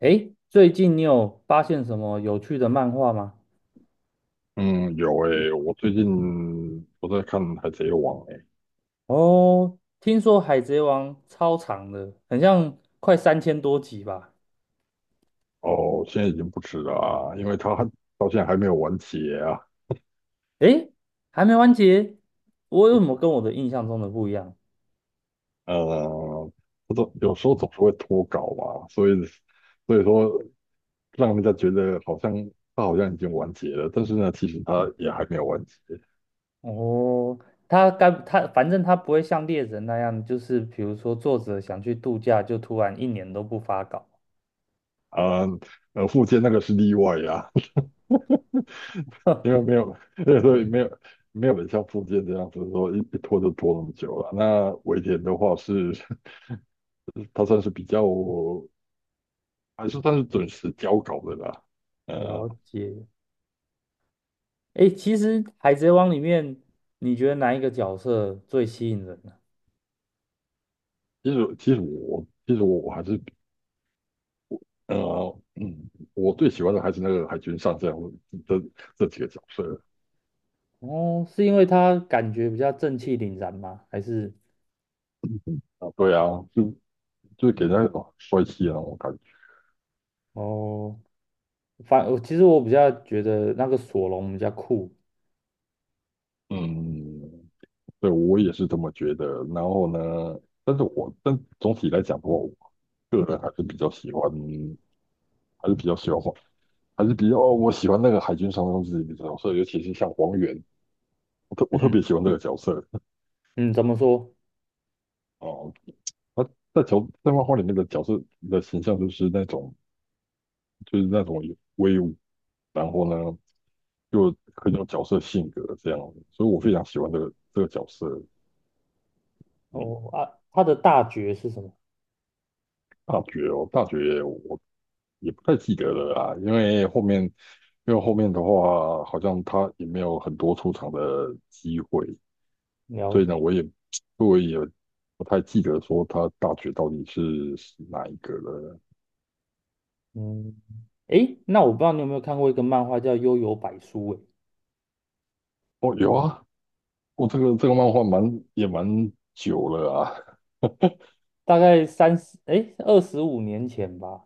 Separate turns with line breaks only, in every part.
诶，最近你有发现什么有趣的漫画吗？
嗯，有诶、我最近在看《海贼王》诶、
哦，听说《海贼王》超长的，很像快3000多集吧？
哦，现在已经不止了啊，因为他到现在还没有完结啊。
诶，还没完结，我为什么跟我的印象中的不一样？
呃，不都有时候总是会脱稿嘛，所以说让人家觉得好像他好像已经完结了，但是呢，其实他也还没有完结
哦，他反正他不会像猎人那样，就是比如说作者想去度假，就突然1年都不发稿。
啊。富坚那个是例外啊，因为 没有，所以没有人像富坚这样子说一拖就拖那么久了。那尾田的话是，他算是比较。还是算是准时交稿的啦。呃，
了解。诶，其实《海贼王》里面，你觉得哪一个角色最吸引人？
其实我还是我最喜欢的还是那个海军上将这几个角色。
哦，是因为他感觉比较正气凛然吗？还是
啊，对啊，就就给人家一种帅气的那种感觉。
哦，反我其实我比较觉得那个索隆比较酷。
嗯，对，我也是这么觉得。然后呢，但是我但总体来讲的话，我个人还是比较喜欢，还是比较喜欢黄，还是比较哦我喜欢那个海军上将自己的角色，尤其是像黄猿，我特别喜欢这个角色。
嗯，怎么说？
哦，他在漫画里面的角色的形象就是那种有威武，然后呢又很有角色性格，这样所以我非常喜欢这个角色。嗯，
哦啊，他的大绝是什么？
大绝哦，大绝我也不太记得了啊，因为后面的话好像他也没有很多出场的机会，所以
了，
呢我也不太记得说他大绝到底是哪一个了。
嗯，诶，那我不知道你有没有看过一个漫画叫《幽游百书》诶，
哦，有啊，我、这个漫画蛮也蛮久了啊。
大概三十诶二十五年前吧，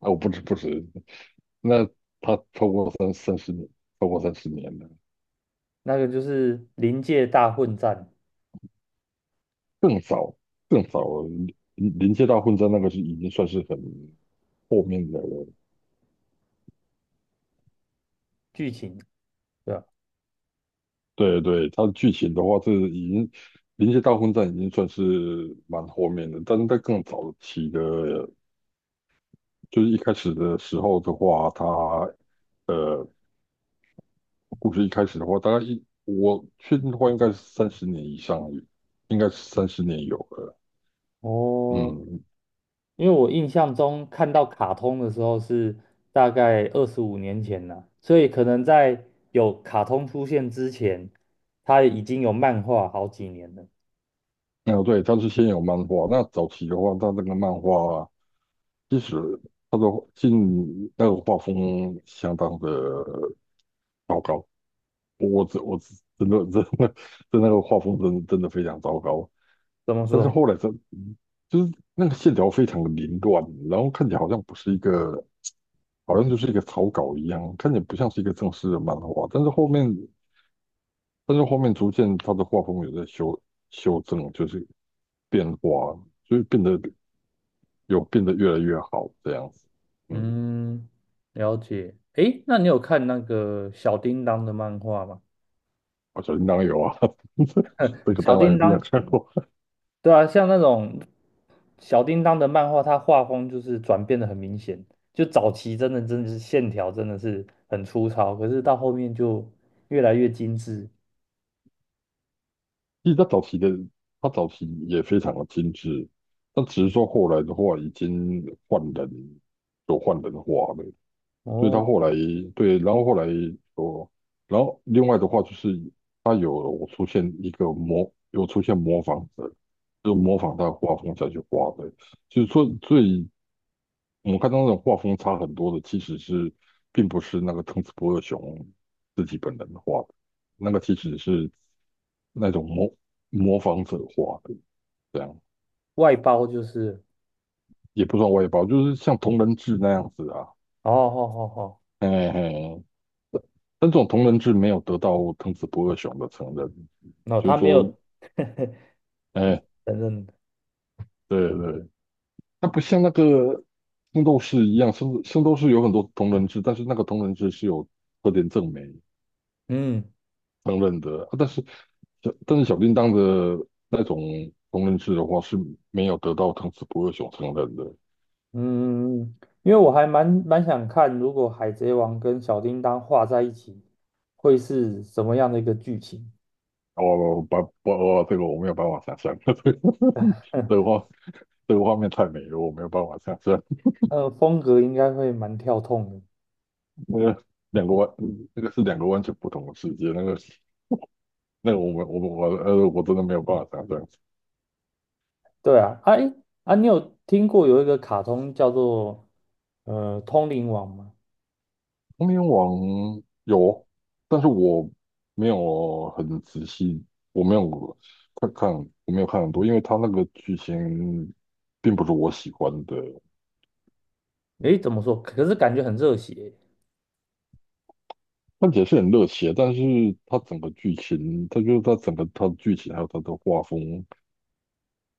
哦，不止不止，那他超过三十年，超过三十年了，
那个就是临界大混战
更早更早，临临界大混战那个是已经算是很后面的了。
剧情，对吧？
对对，它的剧情的话是已经临界大混战已经算是蛮后面的，但是在更早期的，就是一开始的时候的话，它呃故事一开始的话，大概我确定的话应该是三十年以上，应该是三十年有了。
哦，
嗯，
因为我印象中看到卡通的时候是大概二十五年前了，所以可能在有卡通出现之前，它已经有漫画好几年了。
哦，对，它是先有漫画。那早期的话，它那个漫画其实它的那个画风相当的糟糕。我只真的的真的那个画风真的非常糟糕。
怎么
但是
说？
后来就是那个线条非常的凌乱，然后看起来好像不是一个，好像就是一个草稿一样，看起来不像是一个正式的漫画。但是后面，但是后面逐渐它的画风有在修正，就是变化，所以变得变得越来越好这样子。嗯，
嗯，了解。诶，那你有看那个小叮当的漫画吗？
我小叮当有啊，这个
小
当然一
叮
定要
当，
看过。
对啊，像那种小叮当的漫画，它画风就是转变的很明显。就早期真的是线条真的是很粗糙，可是到后面就越来越精致。
其实他早期也非常的精致，但只是说后来的话已经换人，有换人化了，所以他
哦。
后来，对，然后后来说，然后另外的话就是他有出现一个模，有出现模仿者，就模仿他的画风下去画的，就是说最我们看到那种画风差很多的，其实是并不是那个藤子不二雄自己本人画的，那个其实是那种模仿者画的，这样
外包就是，
也不算外包，就是像同人志那样子啊，
哦好好好，
嘿嘿。但这种同人志没有得到藤子不二雄的承认，就
他
是
没
说，
有
哎，
承认的，
对对，它不像那个圣斗士一样，圣斗士有很多同人志，但是那个同人志是有特点证明
嗯
承认的，啊但是。但是小叮当的那种烹人师的话是没有得到汤匙不二熊承认的。
嗯嗯。因为我还蛮想看，如果海贼王跟小叮当画在一起，会是什么样的一个剧情？
哦，不不哦，这个我没有办法想象，这个这个画面太美了，我没有办法想象。
呃，风格应该会蛮跳痛的。
那个两个完，那个是两个完全不同的世界。那个我们我真的没有办法想象。
对啊，哎啊，你有听过有一个卡通叫做《通灵王》吗？
童年王有，但是我没有很仔细，我没有看看，我没有看很多，因为他那个剧情并不是我喜欢的。
诶，怎么说？可是感觉很热血。
看起来是很热血，但是它整个剧情，它就是它整个它的剧情还有它的画风，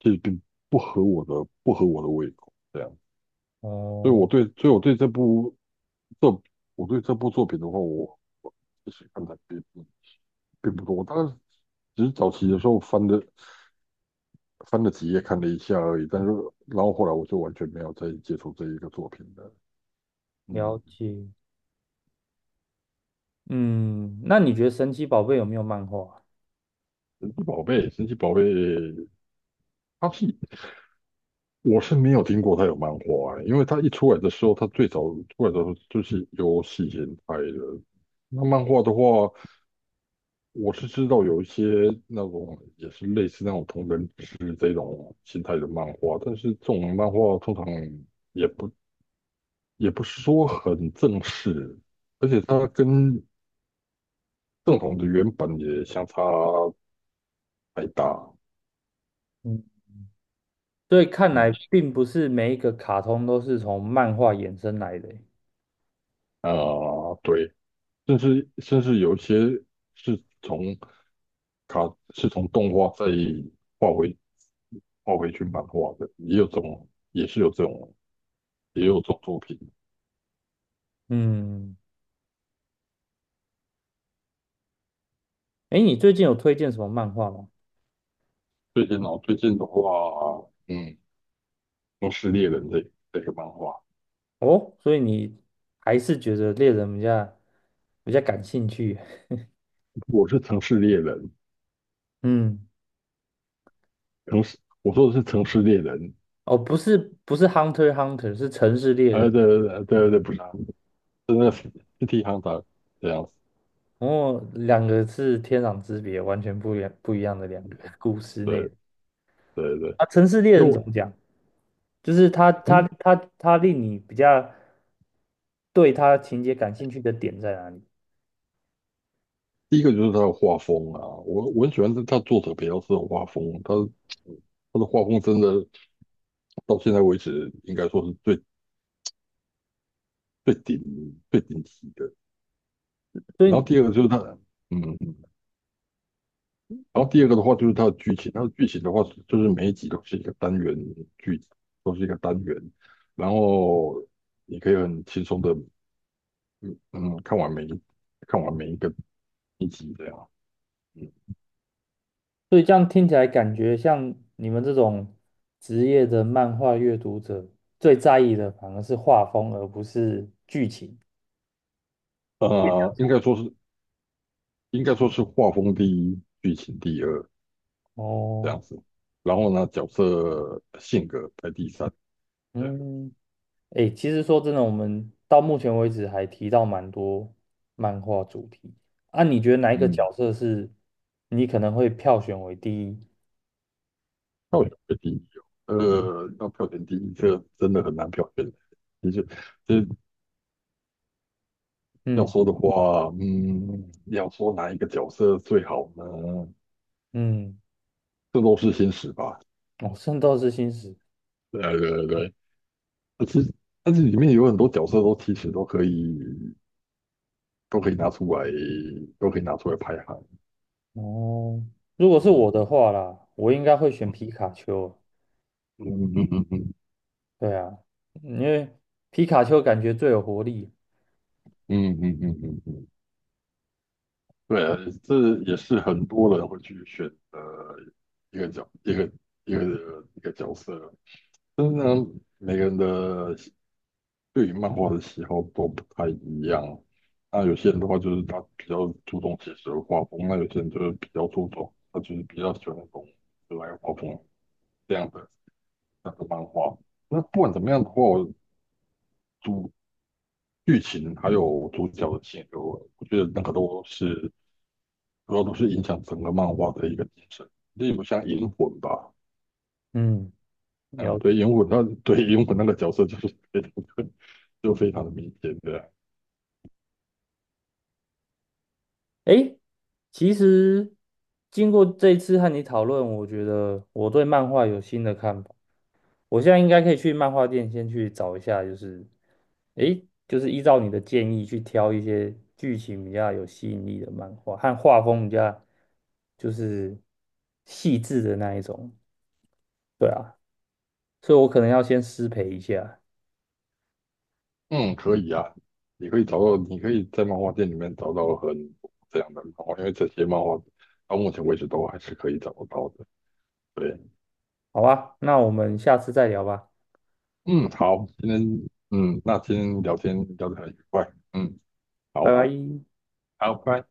就是并不合我的不合我的胃口，这样，所以
哦，
所以我对这部这我对这部作品的话，我其实看的并不并不多，我大概只是早期的时候翻了几页看了一下而已，但是然后后来我就完全没有再接触这一个作品了。
了
嗯，
解。嗯，那你觉得神奇宝贝有没有漫画？
神奇宝贝，神奇宝贝，它是我是没有听过他有漫画欸，因为他一出来的时候，他最早出来的时候就是游戏形态的。那漫画的话，我是知道有一些那种也是类似那种同人志这种形态的漫画，但是这种漫画通常也不也不是说很正式，而且它跟正统的原版也相差太大。
嗯。所以看来
嗯，
并不是每一个卡通都是从漫画衍生来的欸。
啊、对。甚至有一些是从卡是从动画再画回画回去漫画的，也有这种，也是有这种，也有这种作品。
嗯，哎，你最近有推荐什么漫画吗？
最近哦，最近的话，嗯，《城市猎人》这个漫画，
哦，所以你还是觉得猎人比较感兴趣。
我是《城市猎人》，
嗯，
城市，我说的是《城市猎人》。
哦，不是 Hunter x Hunter，是城市猎人。
对对对对对，不是啊，真的是《City h t e r 这样子。
哦，两个是天壤之别，完全不一样的两个故事内
对
容
对对，
啊。城市猎
因为
人怎
我。
么讲？就是他令你对他情节感兴趣的点在哪里？
第一个就是他的画风啊，我很喜欢他，他作者比较司的画风，他他的画风真的到现在为止应该说是最最顶级的。
所
然后
以
第二个就是他，嗯，嗯，然后第二个的话就是他的剧情，他的剧情的话就是每一集都是一个单元，剧集都是一个单元，然后你可以很轻松的，嗯嗯，看完每一个一集这样，嗯，
所以这样听起来，感觉像你们这种职业的漫画阅读者，最在意的反而是画风，而不是剧情。
呃，应该说是应该说是画风第一，剧情第二。这
哦，
样子。然后呢，角色性格排第三，这样，
嗯，诶，其实说真的，我们到目前为止还提到蛮多漫画主题。啊，你觉得哪一个
嗯，
角色是你可能会票选为第一？
票选排第一哦。要票选第一，这个真的很难票选。其实，其实要
嗯
说的话，嗯，要说哪一个角色最好呢？
嗯，
这都是心史吧。
哦，《圣斗士星矢》
对啊对对，对其实但是里面有很多角色都其实都可以，都可以拿出来，都可以拿出来排行。
哦，如果是我
嗯
的话啦，我应该会选皮卡丘啊。
嗯
对啊，因为皮卡丘感觉最有活力。
嗯嗯嗯嗯嗯嗯嗯嗯。嗯嗯嗯嗯，对啊，这也是很多人会去选的一个角一个一个一个角色，但是呢，每个人的喜对于漫画的喜好都不太一样。那有些人的话就是他比较注重写实的画风，那有些人就是比较注重，他就是比较喜欢那种可爱画风这样的那个漫画。那不管怎么样的话，主剧情还有主角的性格，我觉得那个都是。主要都是影响整个漫画的一个精神。例如像银魂吧，
嗯，了
嗯，
解。
对银魂那个角色就是 非常就非常的明显的，
诶，其实经过这一次和你讨论，我觉得我对漫画有新的看法。我现在应该可以去漫画店先去找一下，就是诶，就是依照你的建议去挑一些剧情比较有吸引力的漫画，和画风比较就是细致的那一种。对啊，所以我可能要先失陪一下，
嗯，可以啊，你可以找到，你可以在漫画店里面找到很多这样的漫画，因为这些漫画到目前为止都还是可以找得到的。对，
好吧？那我们下次再聊吧。
嗯，好，今天，嗯，那今天聊天聊得很愉快，嗯，
拜
好，
拜。
好，拜。